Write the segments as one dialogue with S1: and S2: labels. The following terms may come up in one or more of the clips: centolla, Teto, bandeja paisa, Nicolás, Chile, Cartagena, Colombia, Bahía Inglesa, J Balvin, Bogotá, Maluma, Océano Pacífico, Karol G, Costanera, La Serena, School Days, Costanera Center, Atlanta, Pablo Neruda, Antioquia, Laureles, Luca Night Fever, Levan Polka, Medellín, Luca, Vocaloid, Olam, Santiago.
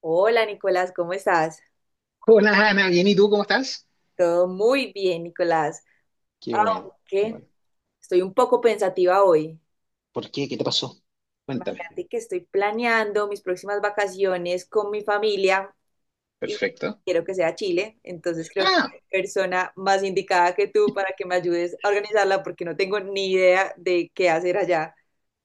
S1: Hola, Nicolás, ¿cómo estás?
S2: Hola Ana, bien, ¿y tú cómo estás?
S1: Todo muy bien, Nicolás.
S2: Qué bueno, qué
S1: Aunque
S2: bueno.
S1: estoy un poco pensativa hoy.
S2: ¿Por qué? ¿Qué te pasó? Cuéntame.
S1: Imagínate que estoy planeando mis próximas vacaciones con mi familia y
S2: Perfecto.
S1: quiero que sea Chile. Entonces creo que
S2: Ah,
S1: persona más indicada que tú para que me ayudes a organizarla porque no tengo ni idea de qué hacer allá.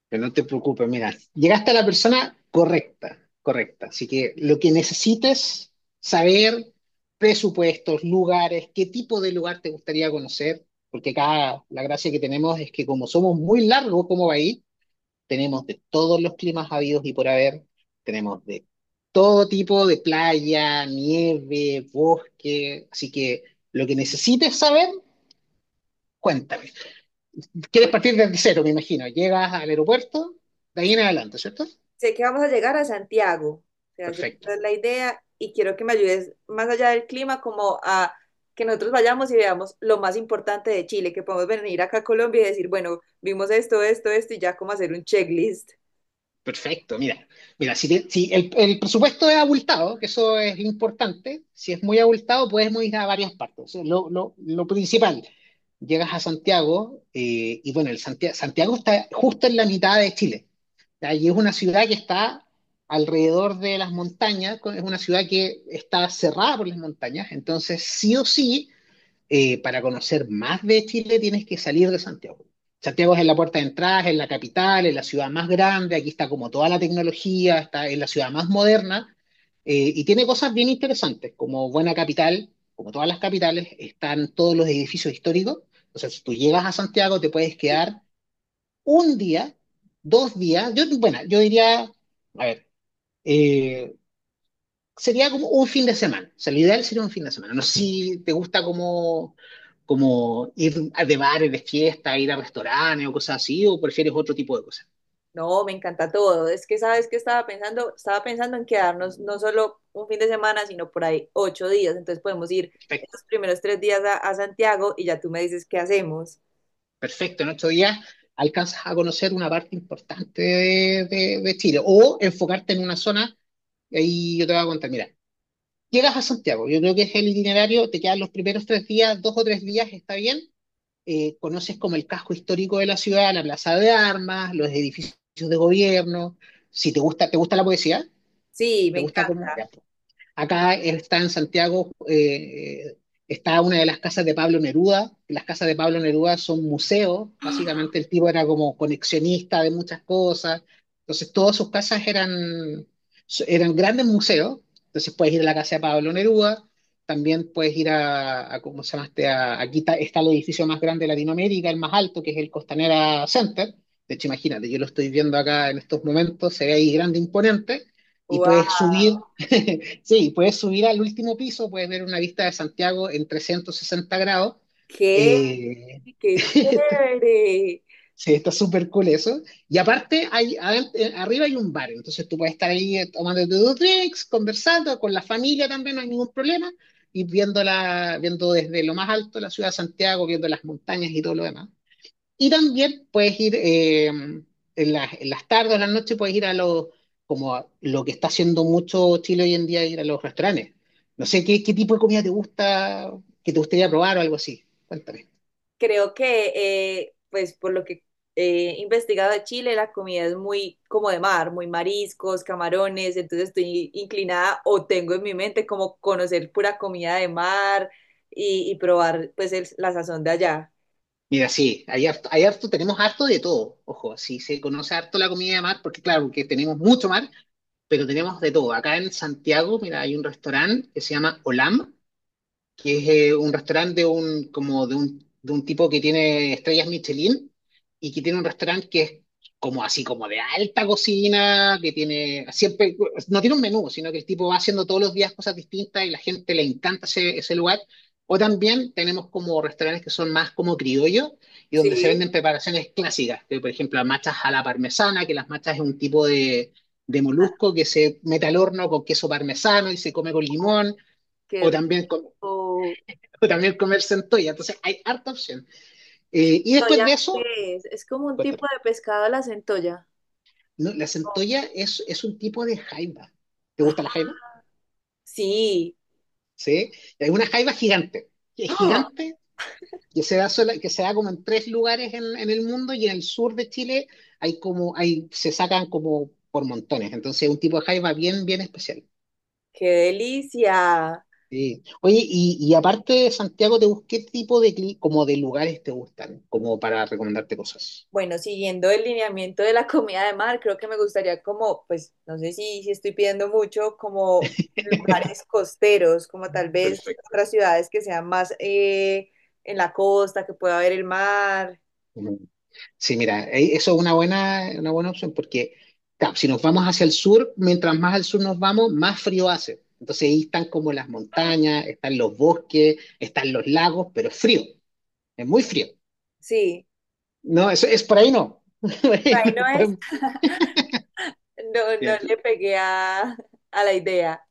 S2: pero no te preocupes, mira, llegaste a la persona correcta, correcta. Así que lo que necesites, saber presupuestos, lugares, qué tipo de lugar te gustaría conocer, porque acá la gracia que tenemos es que como somos muy largos como país, tenemos de todos los climas habidos y por haber, tenemos de todo tipo de playa, nieve, bosque, así que lo que necesites saber, cuéntame. Quieres partir desde cero, me imagino. Llegas al aeropuerto, de ahí en adelante, ¿cierto?
S1: Sé que vamos a llegar a Santiago, o sea, sé que esa
S2: Perfecto.
S1: es la idea y quiero que me ayudes más allá del clima, como a que nosotros vayamos y veamos lo más importante de Chile, que podemos venir acá a Colombia y decir, bueno, vimos esto, esto, esto y ya como hacer un checklist.
S2: Perfecto, mira, si el presupuesto es abultado, que eso es importante, si es muy abultado, podemos ir a varias partes. O sea, lo principal, llegas a Santiago, y bueno, el Santiago, está justo en la mitad de Chile. O Y es una ciudad que está alrededor de las montañas, es una ciudad que está cerrada por las montañas, entonces sí o sí para conocer más de Chile tienes que salir de Santiago. Santiago es en la puerta de entrada, es la capital, es la ciudad más grande, aquí está como toda la tecnología, está en la ciudad más moderna, y tiene cosas bien interesantes, como buena capital, como todas las capitales, están todos los edificios históricos. O sea, si tú llegas a Santiago te puedes quedar un día, 2 días. Yo, bueno, yo diría, a ver, eh, sería como un fin de semana. O sea, lo ideal sería un fin de semana. No sé si te gusta como, como ir a de bares, de fiesta, ir a restaurantes o cosas así, o prefieres otro tipo de cosas.
S1: No, me encanta todo. Es que sabes que estaba pensando en quedarnos no solo un fin de semana, sino por ahí 8 días. Entonces podemos ir
S2: Perfecto,
S1: esos primeros 3 días a Santiago y ya tú me dices qué hacemos.
S2: perfecto. En 8 días alcanzas a conocer una parte importante de Chile, o enfocarte en una zona, y ahí yo te voy a contar. Mira, llegas a Santiago, yo creo que es el itinerario, te quedan los primeros 3 días, 2 o 3 días, está bien, conoces como el casco histórico de la ciudad, la plaza de armas, los edificios de gobierno. Si te gusta, ¿te gusta la poesía?
S1: Sí, me
S2: ¿Te gusta cómo?
S1: encanta.
S2: Ya. Acá está en Santiago, está una de las casas de Pablo Neruda. Las casas de Pablo Neruda son museos, básicamente el tipo era como conexionista de muchas cosas. Entonces todas sus casas eran, eran grandes museos. Entonces puedes ir a la casa de Pablo Neruda, también puedes ir a, ¿cómo se llama este? Aquí está, el edificio más grande de Latinoamérica, el más alto, que es el Costanera Center. De hecho, imagínate, yo lo estoy viendo acá en estos momentos, se ve ahí grande, imponente, y puedes
S1: ¡Wow!
S2: subir. Sí, puedes subir al último piso, puedes ver una vista de Santiago en 360°.
S1: ¿Qué?
S2: Eh,
S1: Qué chévere.
S2: sí, está súper cool eso. Y aparte, hay, arriba hay un bar, entonces tú puedes estar ahí, tomándote dos drinks, conversando con la familia también, no hay ningún problema, y viendo desde lo más alto la ciudad de Santiago, viendo las montañas y todo lo demás. Y también puedes ir, en las tardes o en las noches, puedes ir a como a lo que está haciendo mucho Chile hoy en día, ir a los restaurantes. No sé, ¿qué tipo de comida te gusta, que te gustaría probar o algo así? Cuéntame.
S1: Creo que, pues, por lo que he investigado de Chile, la comida es muy como de mar, muy mariscos, camarones. Entonces estoy inclinada o tengo en mi mente como conocer pura comida de mar y probar, pues, el- la sazón de allá.
S2: Mira, sí, tenemos harto de todo. Ojo, sí se conoce harto la comida de mar, porque claro, que tenemos mucho mar, pero tenemos de todo. Acá en Santiago, mira, hay un restaurante que se llama Olam, que es, un restaurante de un, como de un tipo que tiene estrellas Michelin, y que tiene un restaurante que es como así, como de alta cocina, que tiene siempre, no tiene un menú, sino que el tipo va haciendo todos los días cosas distintas y la gente le encanta ese lugar. O también tenemos como restaurantes que son más como criollos y donde se
S1: Sí,
S2: venden preparaciones clásicas, que por ejemplo las machas a la parmesana, que las machas es un tipo de molusco que se mete al horno con queso parmesano y se come con limón.
S1: qué
S2: O
S1: rico.
S2: también o también comer centolla. Entonces hay harta opción. Y después
S1: ¿Centolla
S2: de eso,
S1: qué es? Es como un
S2: cuéntame.
S1: tipo de pescado la centolla.
S2: ¿No? La centolla es un tipo de jaiba. ¿Te
S1: Ah,
S2: gusta la jaiba?
S1: sí.
S2: Sí. Es una jaiba gigante. Que Es
S1: ¡Ah!
S2: gigante, que se da como en tres lugares en, el mundo, y en el sur de Chile se sacan como por montones. Entonces es un tipo de jaiba bien, bien especial.
S1: ¡Qué delicia!
S2: Sí. Oye, y aparte de Santiago, ¿qué tipo de, como de lugares te gustan? Como para recomendarte cosas.
S1: Bueno, siguiendo el lineamiento de la comida de mar, creo que me gustaría como, pues, no sé si, si estoy pidiendo mucho, como lugares costeros, como tal vez
S2: Perfecto.
S1: otras ciudades que sean más en la costa, que pueda ver el mar.
S2: Ujú. Sí, mira, eso es una buena opción porque claro, si nos vamos hacia el sur, mientras más al sur nos vamos, más frío hace. Entonces ahí están como las montañas, están los bosques, están los lagos, pero es frío, es muy frío.
S1: Sí,
S2: No, eso es por ahí no. Por ahí
S1: ahí
S2: no
S1: no es,
S2: podemos.
S1: no, no le pegué a la idea.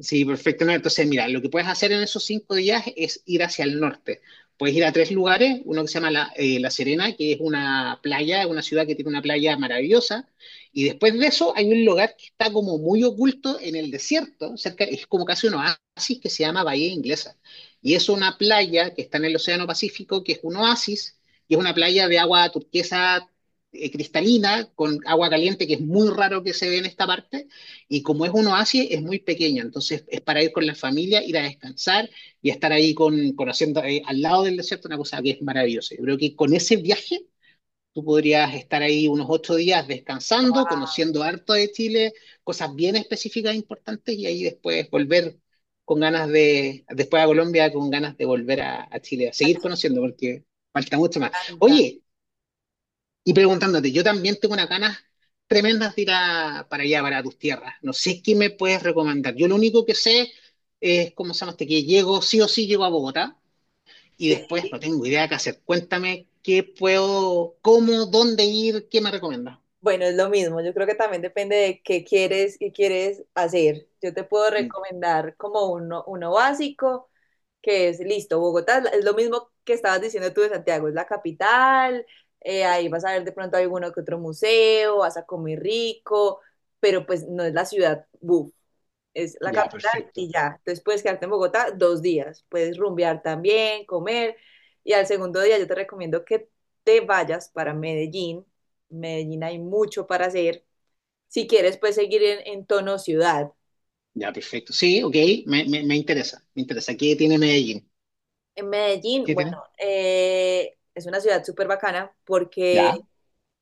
S2: Sí, perfecto. No, entonces, mira, lo que puedes hacer en esos 5 días es ir hacia el norte. Puedes ir a tres lugares, uno que se llama La Serena, que es una playa, una ciudad que tiene una playa maravillosa, y después de eso hay un lugar que está como muy oculto en el desierto, cerca, es como casi un oasis, que se llama Bahía Inglesa, y es una playa que está en el Océano Pacífico, que es un oasis, y es una playa de agua turquesa, cristalina, con agua caliente, que es muy raro que se ve en esta parte, y como es un oasis, es muy pequeño, entonces es para ir con la familia, ir a descansar y estar ahí conociendo, al lado del desierto, una cosa que es maravillosa. Yo creo que con ese viaje tú podrías estar ahí unos 8 días descansando, conociendo harto de Chile, cosas bien específicas e importantes, y ahí después volver con ganas de, después a Colombia, con ganas de volver a Chile, a seguir conociendo porque falta mucho más.
S1: Atlanta,
S2: Oye, y preguntándote, yo también tengo unas ganas tremendas de ir para allá, para tus tierras. No sé qué me puedes recomendar. Yo lo único que sé es, ¿cómo se llama este? Que llego, sí o sí llego a Bogotá y después no
S1: sí.
S2: tengo idea qué hacer. Cuéntame qué puedo, cómo, dónde ir, qué me recomiendas.
S1: Bueno, es lo mismo. Yo creo que también depende de qué quieres hacer. Yo te puedo
S2: Mm,
S1: recomendar como uno, uno básico. Que es listo, Bogotá es lo mismo que estabas diciendo tú de Santiago, es la capital, ahí vas a ver de pronto alguno que otro museo, vas a comer rico, pero pues no es la ciudad, buf, es la
S2: ya,
S1: capital
S2: perfecto.
S1: y ya. Entonces puedes quedarte en Bogotá 2 días, puedes rumbear también, comer, y al segundo día yo te recomiendo que te vayas para Medellín. En Medellín hay mucho para hacer. Si quieres, puedes seguir en tono ciudad.
S2: Ya, perfecto. Sí, ok, me interesa, me interesa. ¿Qué tiene Medellín?
S1: En Medellín,
S2: ¿Qué
S1: bueno,
S2: tiene?
S1: es una ciudad súper bacana porque
S2: Ya,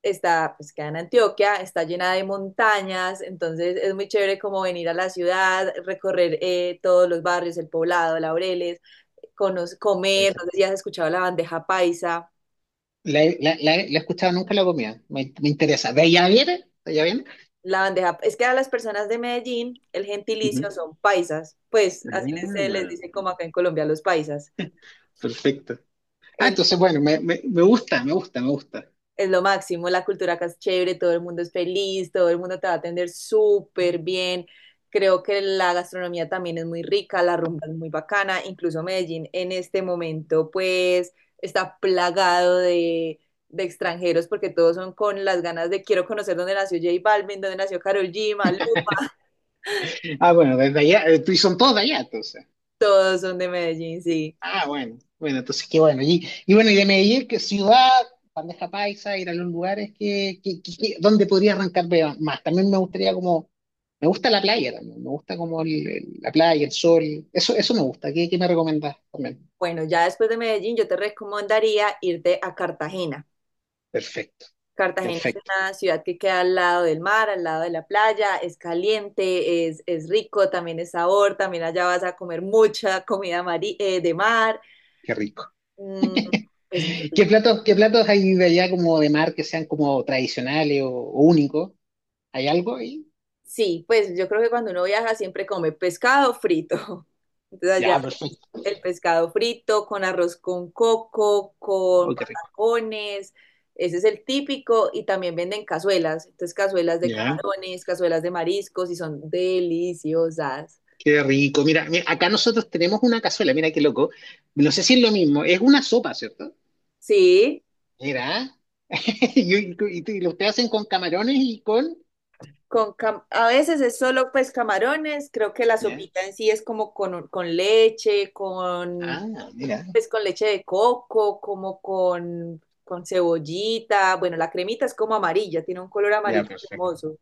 S1: está, pues queda en Antioquia, está llena de montañas, entonces es muy chévere como venir a la ciudad, recorrer todos los barrios, el Poblado, Laureles, cono-
S2: puede
S1: comer,
S2: ser.
S1: no sé si has escuchado la bandeja paisa.
S2: La he escuchado, nunca la comía. Me interesa. ¿De allá viene? ¿De allá viene?
S1: La bandeja, es que a las personas de Medellín el
S2: Ujú.
S1: gentilicio son paisas, pues así les, se les dice
S2: Ah,
S1: como acá en Colombia los paisas.
S2: perfecto. Ah, entonces, bueno, me gusta, me gusta, me gusta.
S1: Es lo máximo, la cultura acá es chévere, todo el mundo es feliz, todo el mundo te va a atender súper bien. Creo que la gastronomía también es muy rica, la rumba es muy bacana, incluso Medellín en este momento pues está plagado de extranjeros porque todos son con las ganas de quiero conocer dónde nació J Balvin, dónde nació Karol G, Maluma,
S2: Ah, bueno, desde allá, y son todos de allá, entonces.
S1: todos son de Medellín, sí.
S2: Ah, bueno, bueno, entonces qué bueno. Y, bueno, y de Medellín, ¿qué ciudad, bandeja paisa, ir a los lugares donde podría arrancar más? También me gustaría como, me gusta la playa también, me gusta como la playa, el sol, eso me gusta. ¿Qué me recomendás también?
S1: Bueno, ya después de Medellín yo te recomendaría irte a Cartagena.
S2: Perfecto,
S1: Cartagena es
S2: perfecto,
S1: una ciudad que queda al lado del mar, al lado de la playa, es caliente, es rico, también es sabor, también allá vas a comer mucha comida mari- de mar,
S2: qué rico.
S1: mm, es muy
S2: ¿Qué
S1: rico.
S2: platos, qué platos hay de allá como de mar que sean como tradicionales o únicos? ¿Hay algo ahí?
S1: Sí, pues yo creo que cuando uno viaja siempre come pescado frito. Entonces allá
S2: Ya, perfecto.
S1: el pescado frito con arroz con coco, con
S2: Oh, qué rico.
S1: patacones, ese es el típico y también venden cazuelas, entonces cazuelas de
S2: Ya,
S1: camarones, cazuelas de mariscos y son deliciosas.
S2: qué rico. Mira, acá nosotros tenemos una cazuela, mira qué loco. No sé si es lo mismo, es una sopa, ¿cierto?
S1: Sí.
S2: Mira, y lo ustedes hacen con camarones y con...
S1: Con cam- a veces es solo pues camarones, creo que la
S2: Ya,
S1: sopita en sí es como con leche, con
S2: ah, mira,
S1: pues con leche de coco, como con cebollita, bueno, la cremita es como amarilla, tiene un color
S2: ya,
S1: amarillo
S2: perfecto.
S1: cremoso.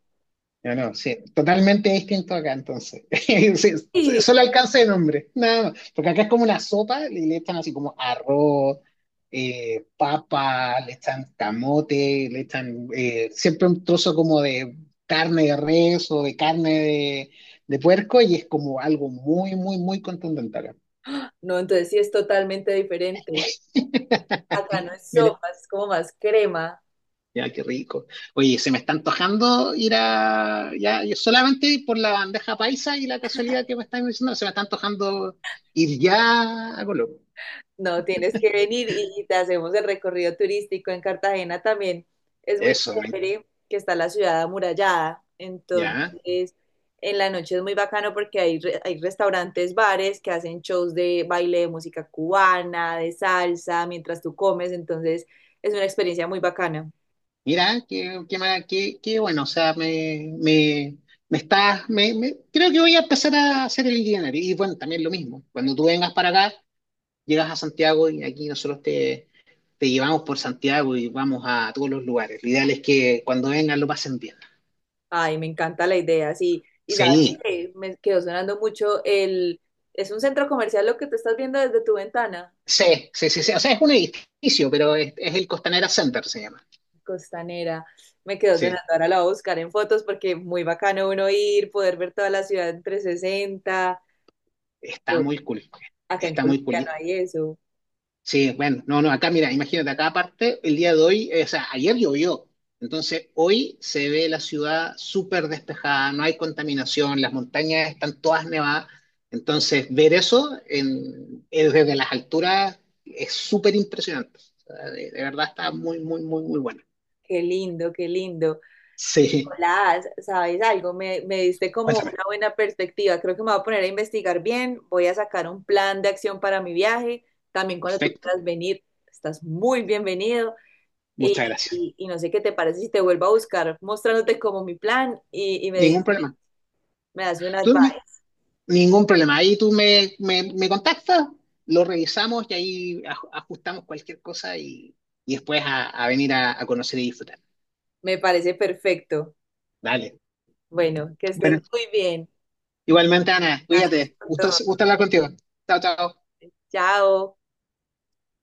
S2: No, no, sí, totalmente distinto acá entonces. Sí, sí,
S1: Sí.
S2: solo alcance de nombre, nada más. Porque acá es como una sopa, y le echan así como arroz, papa, le echan camote, le echan, siempre un trozo como de carne de res o de carne de puerco, y es como algo muy, muy, muy contundente acá.
S1: No, entonces sí es totalmente diferente. Acá no es sopa, es como más crema.
S2: Ya, qué rico. Oye, se me está antojando ir a, ya, yo solamente por la bandeja paisa y la casualidad que me están diciendo, se me está antojando ir ya a Colombia.
S1: No, tienes que venir y te hacemos el recorrido turístico en Cartagena también. Es muy
S2: Eso,
S1: chévere que está la ciudad amurallada,
S2: ya.
S1: entonces en la noche es muy bacano porque hay, re- hay restaurantes, bares que hacen shows de baile, de música cubana, de salsa, mientras tú comes, entonces es una experiencia muy bacana.
S2: Mira, qué bueno. O sea, me, me estás, creo que voy a empezar a hacer el itinerario. Y bueno, también lo mismo, cuando tú vengas para acá, llegas a Santiago y aquí nosotros te llevamos por Santiago, y vamos a todos los lugares. Lo ideal es que cuando vengan lo pasen bien.
S1: Ay, me encanta la idea, sí. Y sabes
S2: Sí.
S1: que me quedó sonando mucho el... Es un centro comercial lo que tú estás viendo desde tu ventana.
S2: Sí, sí, sí, sí. O sea, es un edificio, pero es el Costanera Center, se llama.
S1: Costanera. Me quedó sonando,
S2: Sí,
S1: ahora la voy a buscar en fotos porque muy bacano uno ir, poder ver toda la ciudad en 360.
S2: está
S1: No,
S2: muy cool.
S1: acá en
S2: Está
S1: Colombia
S2: muy
S1: no
S2: cool.
S1: hay eso.
S2: Sí, bueno, no, no, acá, mira, imagínate, acá aparte, el día de hoy, o sea, ayer llovió. Entonces, hoy se ve la ciudad súper despejada, no hay contaminación, las montañas están todas nevadas. Entonces, ver eso, desde las alturas es súper impresionante. O sea, de verdad está muy, muy, muy, muy bueno.
S1: Qué lindo, qué lindo.
S2: Sí,
S1: Hola, ¿sabes algo? Me diste como
S2: cuéntame.
S1: una buena perspectiva. Creo que me voy a poner a investigar bien. Voy a sacar un plan de acción para mi viaje. También cuando tú
S2: Perfecto.
S1: quieras venir, estás muy bienvenido. Y,
S2: Muchas gracias.
S1: y no sé qué te parece si te vuelvo a buscar mostrándote como mi plan y me,
S2: Ningún problema.
S1: me das un
S2: Tú, ni-
S1: advice.
S2: ningún problema. Ahí tú me contactas, lo revisamos y ahí ajustamos cualquier cosa, y, después a venir a conocer y disfrutar.
S1: Me parece perfecto.
S2: Dale.
S1: Bueno, que estés
S2: Bueno,
S1: muy bien.
S2: igualmente, Ana,
S1: Gracias
S2: cuídate.
S1: por
S2: Gusto,
S1: todo.
S2: gusto hablar contigo. Chao, chao.
S1: Chao.